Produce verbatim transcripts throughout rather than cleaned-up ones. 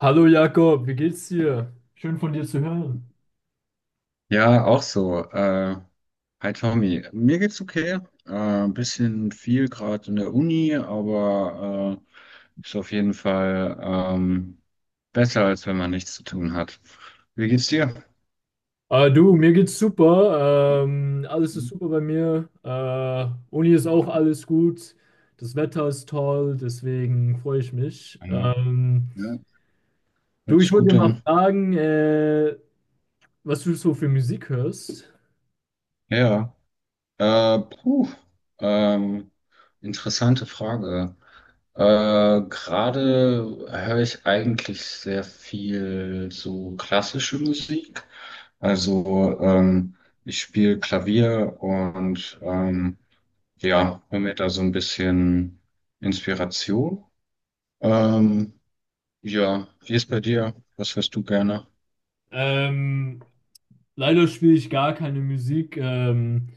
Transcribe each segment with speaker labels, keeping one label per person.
Speaker 1: Hallo Jakob, wie geht's dir? Schön von dir zu hören.
Speaker 2: Ja, auch so. Äh, hi Tommy, mir geht's okay. Äh, ein bisschen viel gerade in der Uni, aber äh, ist auf jeden Fall ähm, besser, als wenn man nichts zu tun hat. Wie geht's dir?
Speaker 1: Äh, du, mir geht's super. Ähm, alles ist super bei mir. Äh, Uni ist auch alles gut. Das Wetter ist toll, deswegen freue ich mich.
Speaker 2: Ja,
Speaker 1: Ähm,
Speaker 2: ja,
Speaker 1: du,
Speaker 2: hört
Speaker 1: ich
Speaker 2: sich
Speaker 1: wollte dir
Speaker 2: gut
Speaker 1: mal
Speaker 2: an.
Speaker 1: fragen, äh, was du so für Musik hörst.
Speaker 2: Ja. Äh, puh, ähm, interessante Frage. Äh, gerade höre ich eigentlich sehr viel so klassische Musik. Also ähm, ich spiele Klavier und ähm, ja, hole mir da so ein bisschen Inspiration. Ähm, ja, wie ist bei dir? Was hörst du gerne?
Speaker 1: Ähm, Leider spiele ich gar keine Musik, ähm,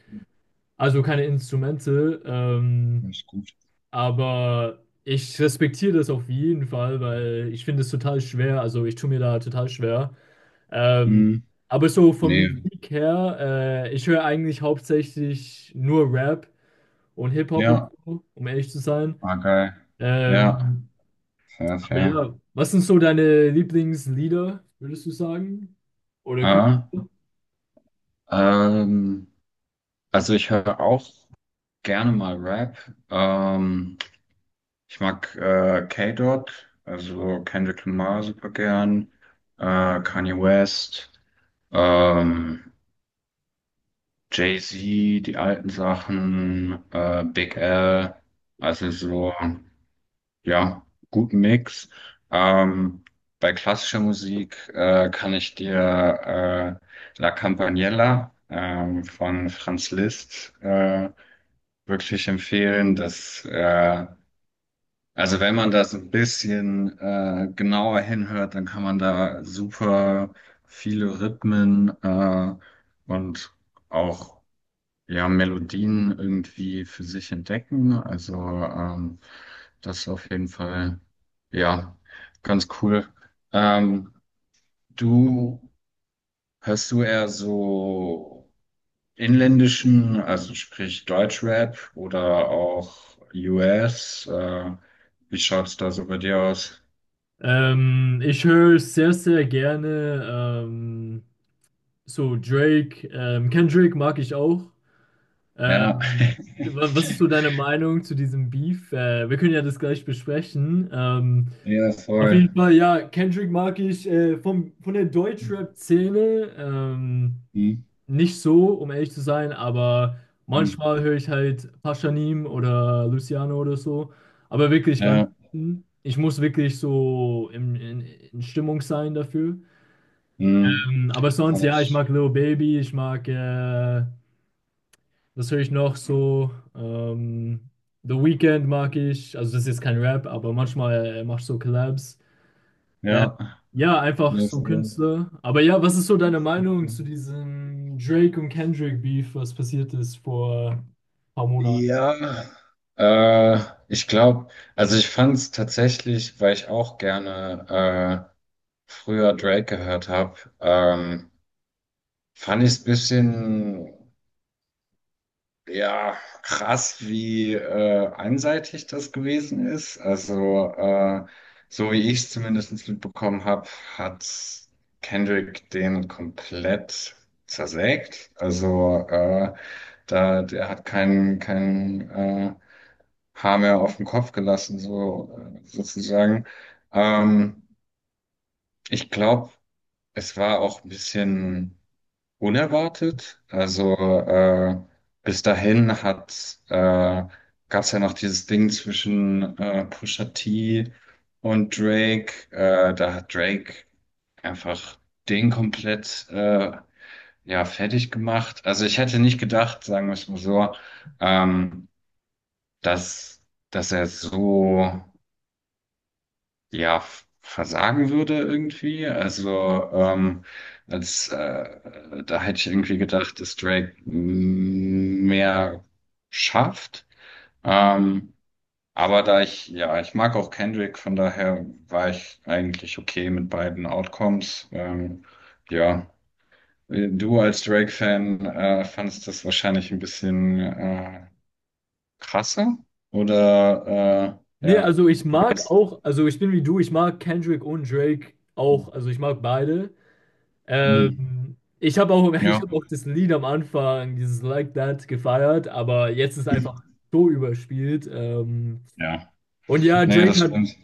Speaker 1: also keine Instrumente. Ähm,
Speaker 2: Alles gut.
Speaker 1: Aber ich respektiere das auf jeden Fall, weil ich finde es total schwer. Also ich tue mir da total schwer. Ähm,
Speaker 2: Hm,
Speaker 1: aber so von
Speaker 2: nee.
Speaker 1: Musik her, äh, ich höre eigentlich hauptsächlich nur Rap und Hip-Hop und
Speaker 2: Ja,
Speaker 1: so, um ehrlich zu sein.
Speaker 2: ah, geil. Ja,
Speaker 1: Ähm,
Speaker 2: fair,
Speaker 1: aber
Speaker 2: fair.
Speaker 1: ja, was sind so deine Lieblingslieder, würdest du sagen? Oder könnt
Speaker 2: Ah. Ähm, also ich höre auch gerne mal Rap. Ähm, Ich mag äh, K-Dot, also Kendrick Lamar super gern, äh, Kanye West, ähm, Jay-Z, die alten Sachen, äh, Big L, also so, ja, guten Mix. Ähm, Bei klassischer Musik äh, kann ich dir äh, La Campaniella ähm, von Franz Liszt äh, wirklich empfehlen, dass, äh, also wenn man das ein bisschen äh, genauer hinhört, dann kann man da super viele Rhythmen äh, und auch ja Melodien irgendwie für sich entdecken. Also ähm, das ist auf jeden Fall ja ganz cool. Ähm, Du, hörst du eher so inländischen, also sprich Deutschrap oder auch U S? Äh, wie schaut's da so bei dir aus?
Speaker 1: ähm, ich höre sehr, sehr gerne ähm, so Drake. Ähm, Kendrick mag ich auch.
Speaker 2: Ja,
Speaker 1: Ähm, wa- Was ist so deine Meinung zu diesem Beef? Äh, wir können ja das gleich besprechen. Ähm,
Speaker 2: ja,
Speaker 1: auf
Speaker 2: voll.
Speaker 1: jeden Fall, ja, Kendrick mag ich äh, vom, von der Deutschrap-Szene ähm,
Speaker 2: Hm,
Speaker 1: nicht so, um ehrlich zu sein, aber
Speaker 2: hm.
Speaker 1: manchmal höre ich halt Pashanim oder Luciano oder so. Aber wirklich ganz,
Speaker 2: Ja,
Speaker 1: ich muss wirklich so in, in, in Stimmung sein dafür.
Speaker 2: hm.
Speaker 1: Ähm, aber sonst,
Speaker 2: Kann
Speaker 1: ja, ich
Speaker 2: ich.
Speaker 1: mag Lil Baby, ich mag äh, das höre ich noch so. Ähm, The Weeknd mag ich. Also das ist jetzt kein Rap, aber manchmal äh, machst du so Collabs. Äh,
Speaker 2: Ja,
Speaker 1: ja, einfach
Speaker 2: nee,
Speaker 1: so
Speaker 2: voll.
Speaker 1: Künstler. Aber ja, was ist so deine Meinung zu diesem Drake und Kendrick Beef, was passiert ist vor ein paar Monaten?
Speaker 2: Ja, äh, ich glaube, also ich fand es tatsächlich, weil ich auch gerne äh, früher Drake gehört habe, ähm, fand ich es ein bisschen, ja, krass, wie äh, einseitig das gewesen ist. Also, äh, so wie ich es zumindest mitbekommen habe, hat Kendrick den komplett zersägt. Also, äh, da, der hat keinen kein, äh, Haar mehr auf den Kopf gelassen, so äh, sozusagen. Ähm, Ich glaube, es war auch ein bisschen unerwartet. Also äh, bis dahin hat äh, gab es ja noch dieses Ding zwischen äh, Pusha T und Drake. Äh, da hat Drake einfach den komplett äh, ja fertig gemacht. Also ich hätte nicht gedacht, sagen wir es mal so, ähm, dass dass er so, ja, versagen würde irgendwie. Also ähm, als äh, da hätte ich irgendwie gedacht, dass Drake mm, mehr schafft. Ähm, aber da ich, ja, ich mag auch Kendrick, von daher war ich eigentlich okay mit beiden Outcomes. Ähm, ja, du als Drake-Fan äh, fandest das wahrscheinlich ein bisschen äh, krasser oder äh,
Speaker 1: Nee,
Speaker 2: ja,
Speaker 1: also ich
Speaker 2: wie
Speaker 1: mag
Speaker 2: war's?
Speaker 1: auch, also ich bin wie du, ich mag Kendrick und Drake auch, also ich mag beide.
Speaker 2: Hm,
Speaker 1: Ähm, ich habe auch, ich
Speaker 2: ja.
Speaker 1: habe auch das Lied am Anfang, dieses Like That, gefeiert, aber jetzt ist einfach so überspielt. Ähm,
Speaker 2: Ja.
Speaker 1: Und ja,
Speaker 2: Nee,
Speaker 1: Drake
Speaker 2: das
Speaker 1: hat,
Speaker 2: stimmt.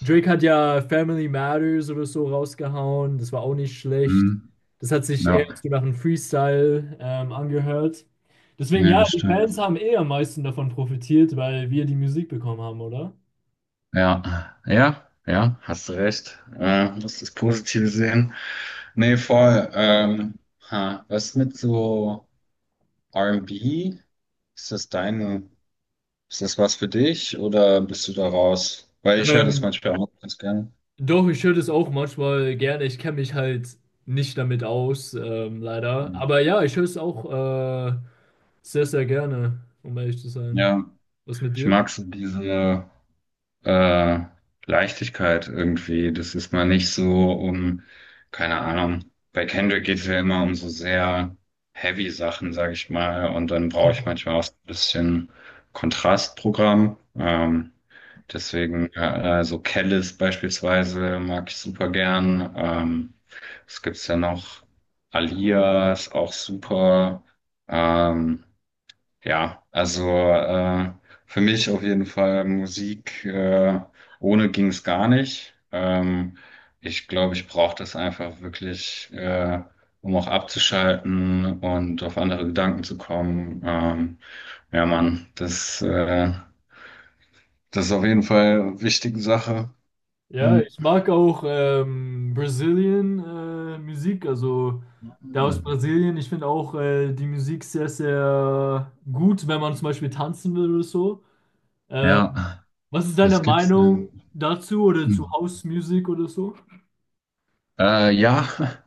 Speaker 1: Drake hat ja Family Matters oder so rausgehauen. Das war auch nicht schlecht.
Speaker 2: Mhm.
Speaker 1: Das hat sich eher
Speaker 2: Ja,
Speaker 1: so nach einem Freestyle ähm, angehört. Deswegen,
Speaker 2: nee,
Speaker 1: ja,
Speaker 2: das
Speaker 1: die Fans
Speaker 2: stimmt.
Speaker 1: haben eh am meisten davon profitiert, weil wir die Musik bekommen haben, oder?
Speaker 2: Ja, ja, ja, hast du recht. Äh, musst das Positive sehen. Nee, voll. Ähm, ha, was mit so R und B? Ist das deine, ist das was für dich oder bist du da raus? Weil ich höre das
Speaker 1: Ähm,
Speaker 2: manchmal auch ganz gerne.
Speaker 1: Doch, ich höre das auch manchmal gerne. Ich kenne mich halt nicht damit aus, ähm, leider.
Speaker 2: Mhm.
Speaker 1: Aber ja, ich höre es auch äh, sehr, sehr gerne, um ehrlich zu sein.
Speaker 2: Ja,
Speaker 1: Was mit
Speaker 2: ich
Speaker 1: dir?
Speaker 2: mag so diese. äh, Leichtigkeit irgendwie. Das ist mal nicht so um, keine Ahnung. Bei Kendrick geht es ja immer um so sehr heavy Sachen, sag ich mal. Und dann brauche ich manchmal auch so ein bisschen Kontrastprogramm. Ähm, deswegen, äh, so Kellis beispielsweise mag ich super gern. Ähm, was gibt's denn noch? Alia ist auch super. Ähm, ja, also äh, für mich auf jeden Fall Musik äh, ohne ging es gar nicht. Ähm, ich glaube, ich brauche das einfach wirklich, äh, um auch abzuschalten und auf andere Gedanken zu kommen. Ähm, ja, Mann, das, äh, das ist auf jeden Fall eine wichtige Sache.
Speaker 1: Ja,
Speaker 2: Hm.
Speaker 1: ich mag auch ähm, Brazilian äh, Musik, also der aus Brasilien. Ich finde auch äh, die Musik sehr, sehr gut, wenn man zum Beispiel tanzen will oder so. Ähm,
Speaker 2: Ja,
Speaker 1: Was ist
Speaker 2: was
Speaker 1: deine
Speaker 2: gibt's
Speaker 1: Meinung
Speaker 2: denn?
Speaker 1: dazu oder zu
Speaker 2: Hm.
Speaker 1: House Music oder so?
Speaker 2: Äh, ja,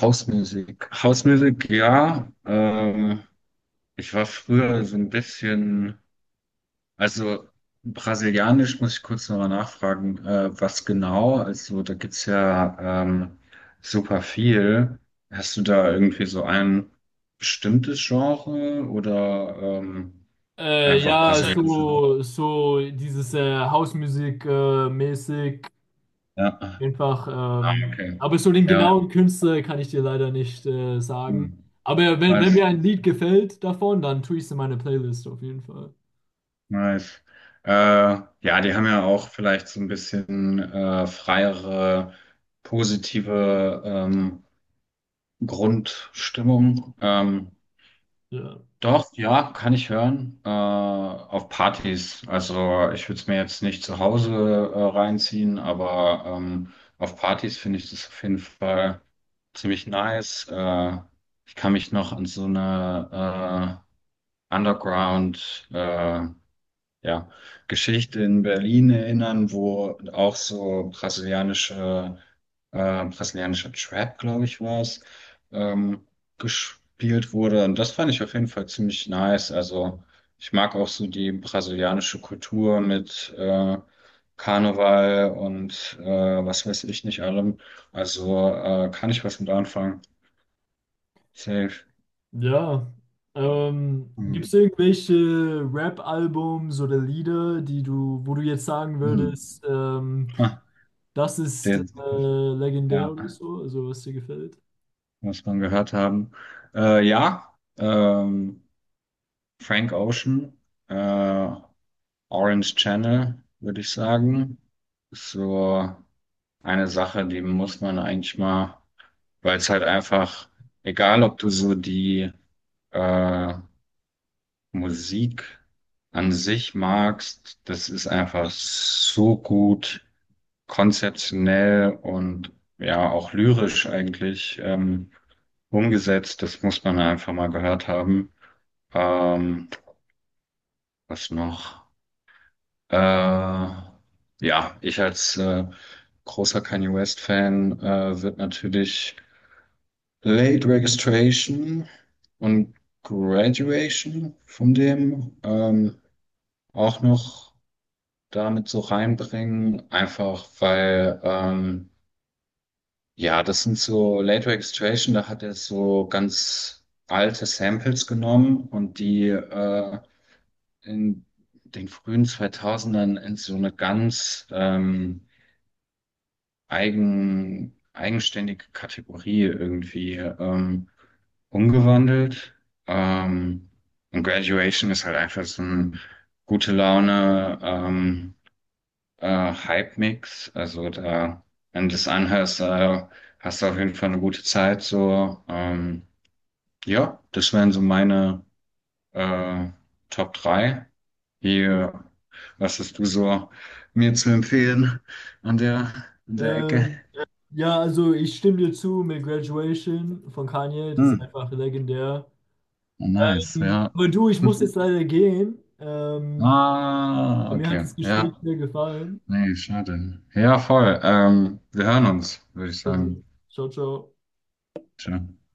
Speaker 2: Hausmusik. Hausmusik, ja. Ähm, Ich war früher so ein bisschen, also brasilianisch muss ich kurz nochmal nachfragen, äh, was genau? Also da gibt's ja ähm, super viel. Hast du da irgendwie so ein bestimmtes Genre oder ähm,
Speaker 1: Äh,
Speaker 2: einfach Äh,
Speaker 1: ja,
Speaker 2: brasilianische Haupt?
Speaker 1: so, so dieses äh, House Music äh, mäßig
Speaker 2: Ja.
Speaker 1: einfach,
Speaker 2: Ah,
Speaker 1: ähm,
Speaker 2: okay.
Speaker 1: aber so den
Speaker 2: Ja.
Speaker 1: genauen Künstler kann ich dir leider nicht äh,
Speaker 2: Hm.
Speaker 1: sagen. Aber wenn, wenn
Speaker 2: Nice.
Speaker 1: mir ein Lied gefällt davon, dann tue ich es in meine Playlist auf jeden Fall.
Speaker 2: Nice. Äh, ja, die haben ja auch vielleicht so ein bisschen äh, freiere, positive ähm, Grundstimmung. Ähm,
Speaker 1: Ja.
Speaker 2: doch, ja, kann ich hören. Äh, auf Partys. Also ich würde es mir jetzt nicht zu Hause äh, reinziehen, aber ähm, auf Partys finde ich das auf jeden Fall ziemlich nice. Äh, ich kann mich noch an so eine äh, Underground äh, ja, Geschichte in Berlin erinnern, wo auch so brasilianische, äh, brasilianischer Trap, glaube ich, war es, ähm, gespielt wurde. Und das fand ich auf jeden Fall ziemlich nice. Also ich mag auch so die brasilianische Kultur mit äh, Karneval und äh, was weiß ich nicht allem. Also äh, kann ich was mit anfangen. Safe.
Speaker 1: Ja. Ähm, gibt es
Speaker 2: Hm.
Speaker 1: irgendwelche Rap-Albums oder Lieder, die du, wo du jetzt sagen
Speaker 2: Hm.
Speaker 1: würdest, ähm,
Speaker 2: Ha,
Speaker 1: das ist äh,
Speaker 2: der,
Speaker 1: legendär oder
Speaker 2: ja.
Speaker 1: so, also was dir gefällt?
Speaker 2: muss man gehört haben. Äh, ja, ähm, Frank Ocean, äh, Orange Channel, würde ich sagen. Ist so eine Sache, die muss man eigentlich mal, weil es halt einfach, egal ob du so die äh, Musik an sich magst, das ist einfach so gut. konzeptionell und ja auch lyrisch eigentlich ähm, umgesetzt. Das muss man ja einfach mal gehört haben. Ähm, Was noch? Äh, ja, ich als äh, großer Kanye West-Fan äh, wird natürlich Late Registration und Graduation von dem ähm, auch noch damit so reinbringen, einfach weil ähm, ja, das sind so Late Registration, da hat er so ganz alte Samples genommen und die äh, in den frühen zweitausendern in so eine ganz ähm, eigen, eigenständige Kategorie irgendwie ähm, umgewandelt. Ähm, und Graduation ist halt einfach so ein gute Laune, ähm, äh, Hype-Mix. Also da, wenn du das anhörst, äh, hast du auf jeden Fall eine gute Zeit. So, ähm, ja, das wären so meine äh, Top drei. Hier, was hast du so mir zu empfehlen an der, an der Ecke?
Speaker 1: Ähm, ja, also ich stimme dir zu mit Graduation von Kanye, das
Speaker 2: Hm,
Speaker 1: ist einfach legendär.
Speaker 2: nice,
Speaker 1: Hm,
Speaker 2: ja.
Speaker 1: aber du, ich muss jetzt leider gehen. Ähm,
Speaker 2: Ah,
Speaker 1: mir hat
Speaker 2: okay,
Speaker 1: das
Speaker 2: ja.
Speaker 1: Gespräch sehr gefallen.
Speaker 2: Nee, schade. Ja, voll. Ähm, wir hören uns, würde ich
Speaker 1: Also,
Speaker 2: sagen.
Speaker 1: ciao, ciao.
Speaker 2: Ciao.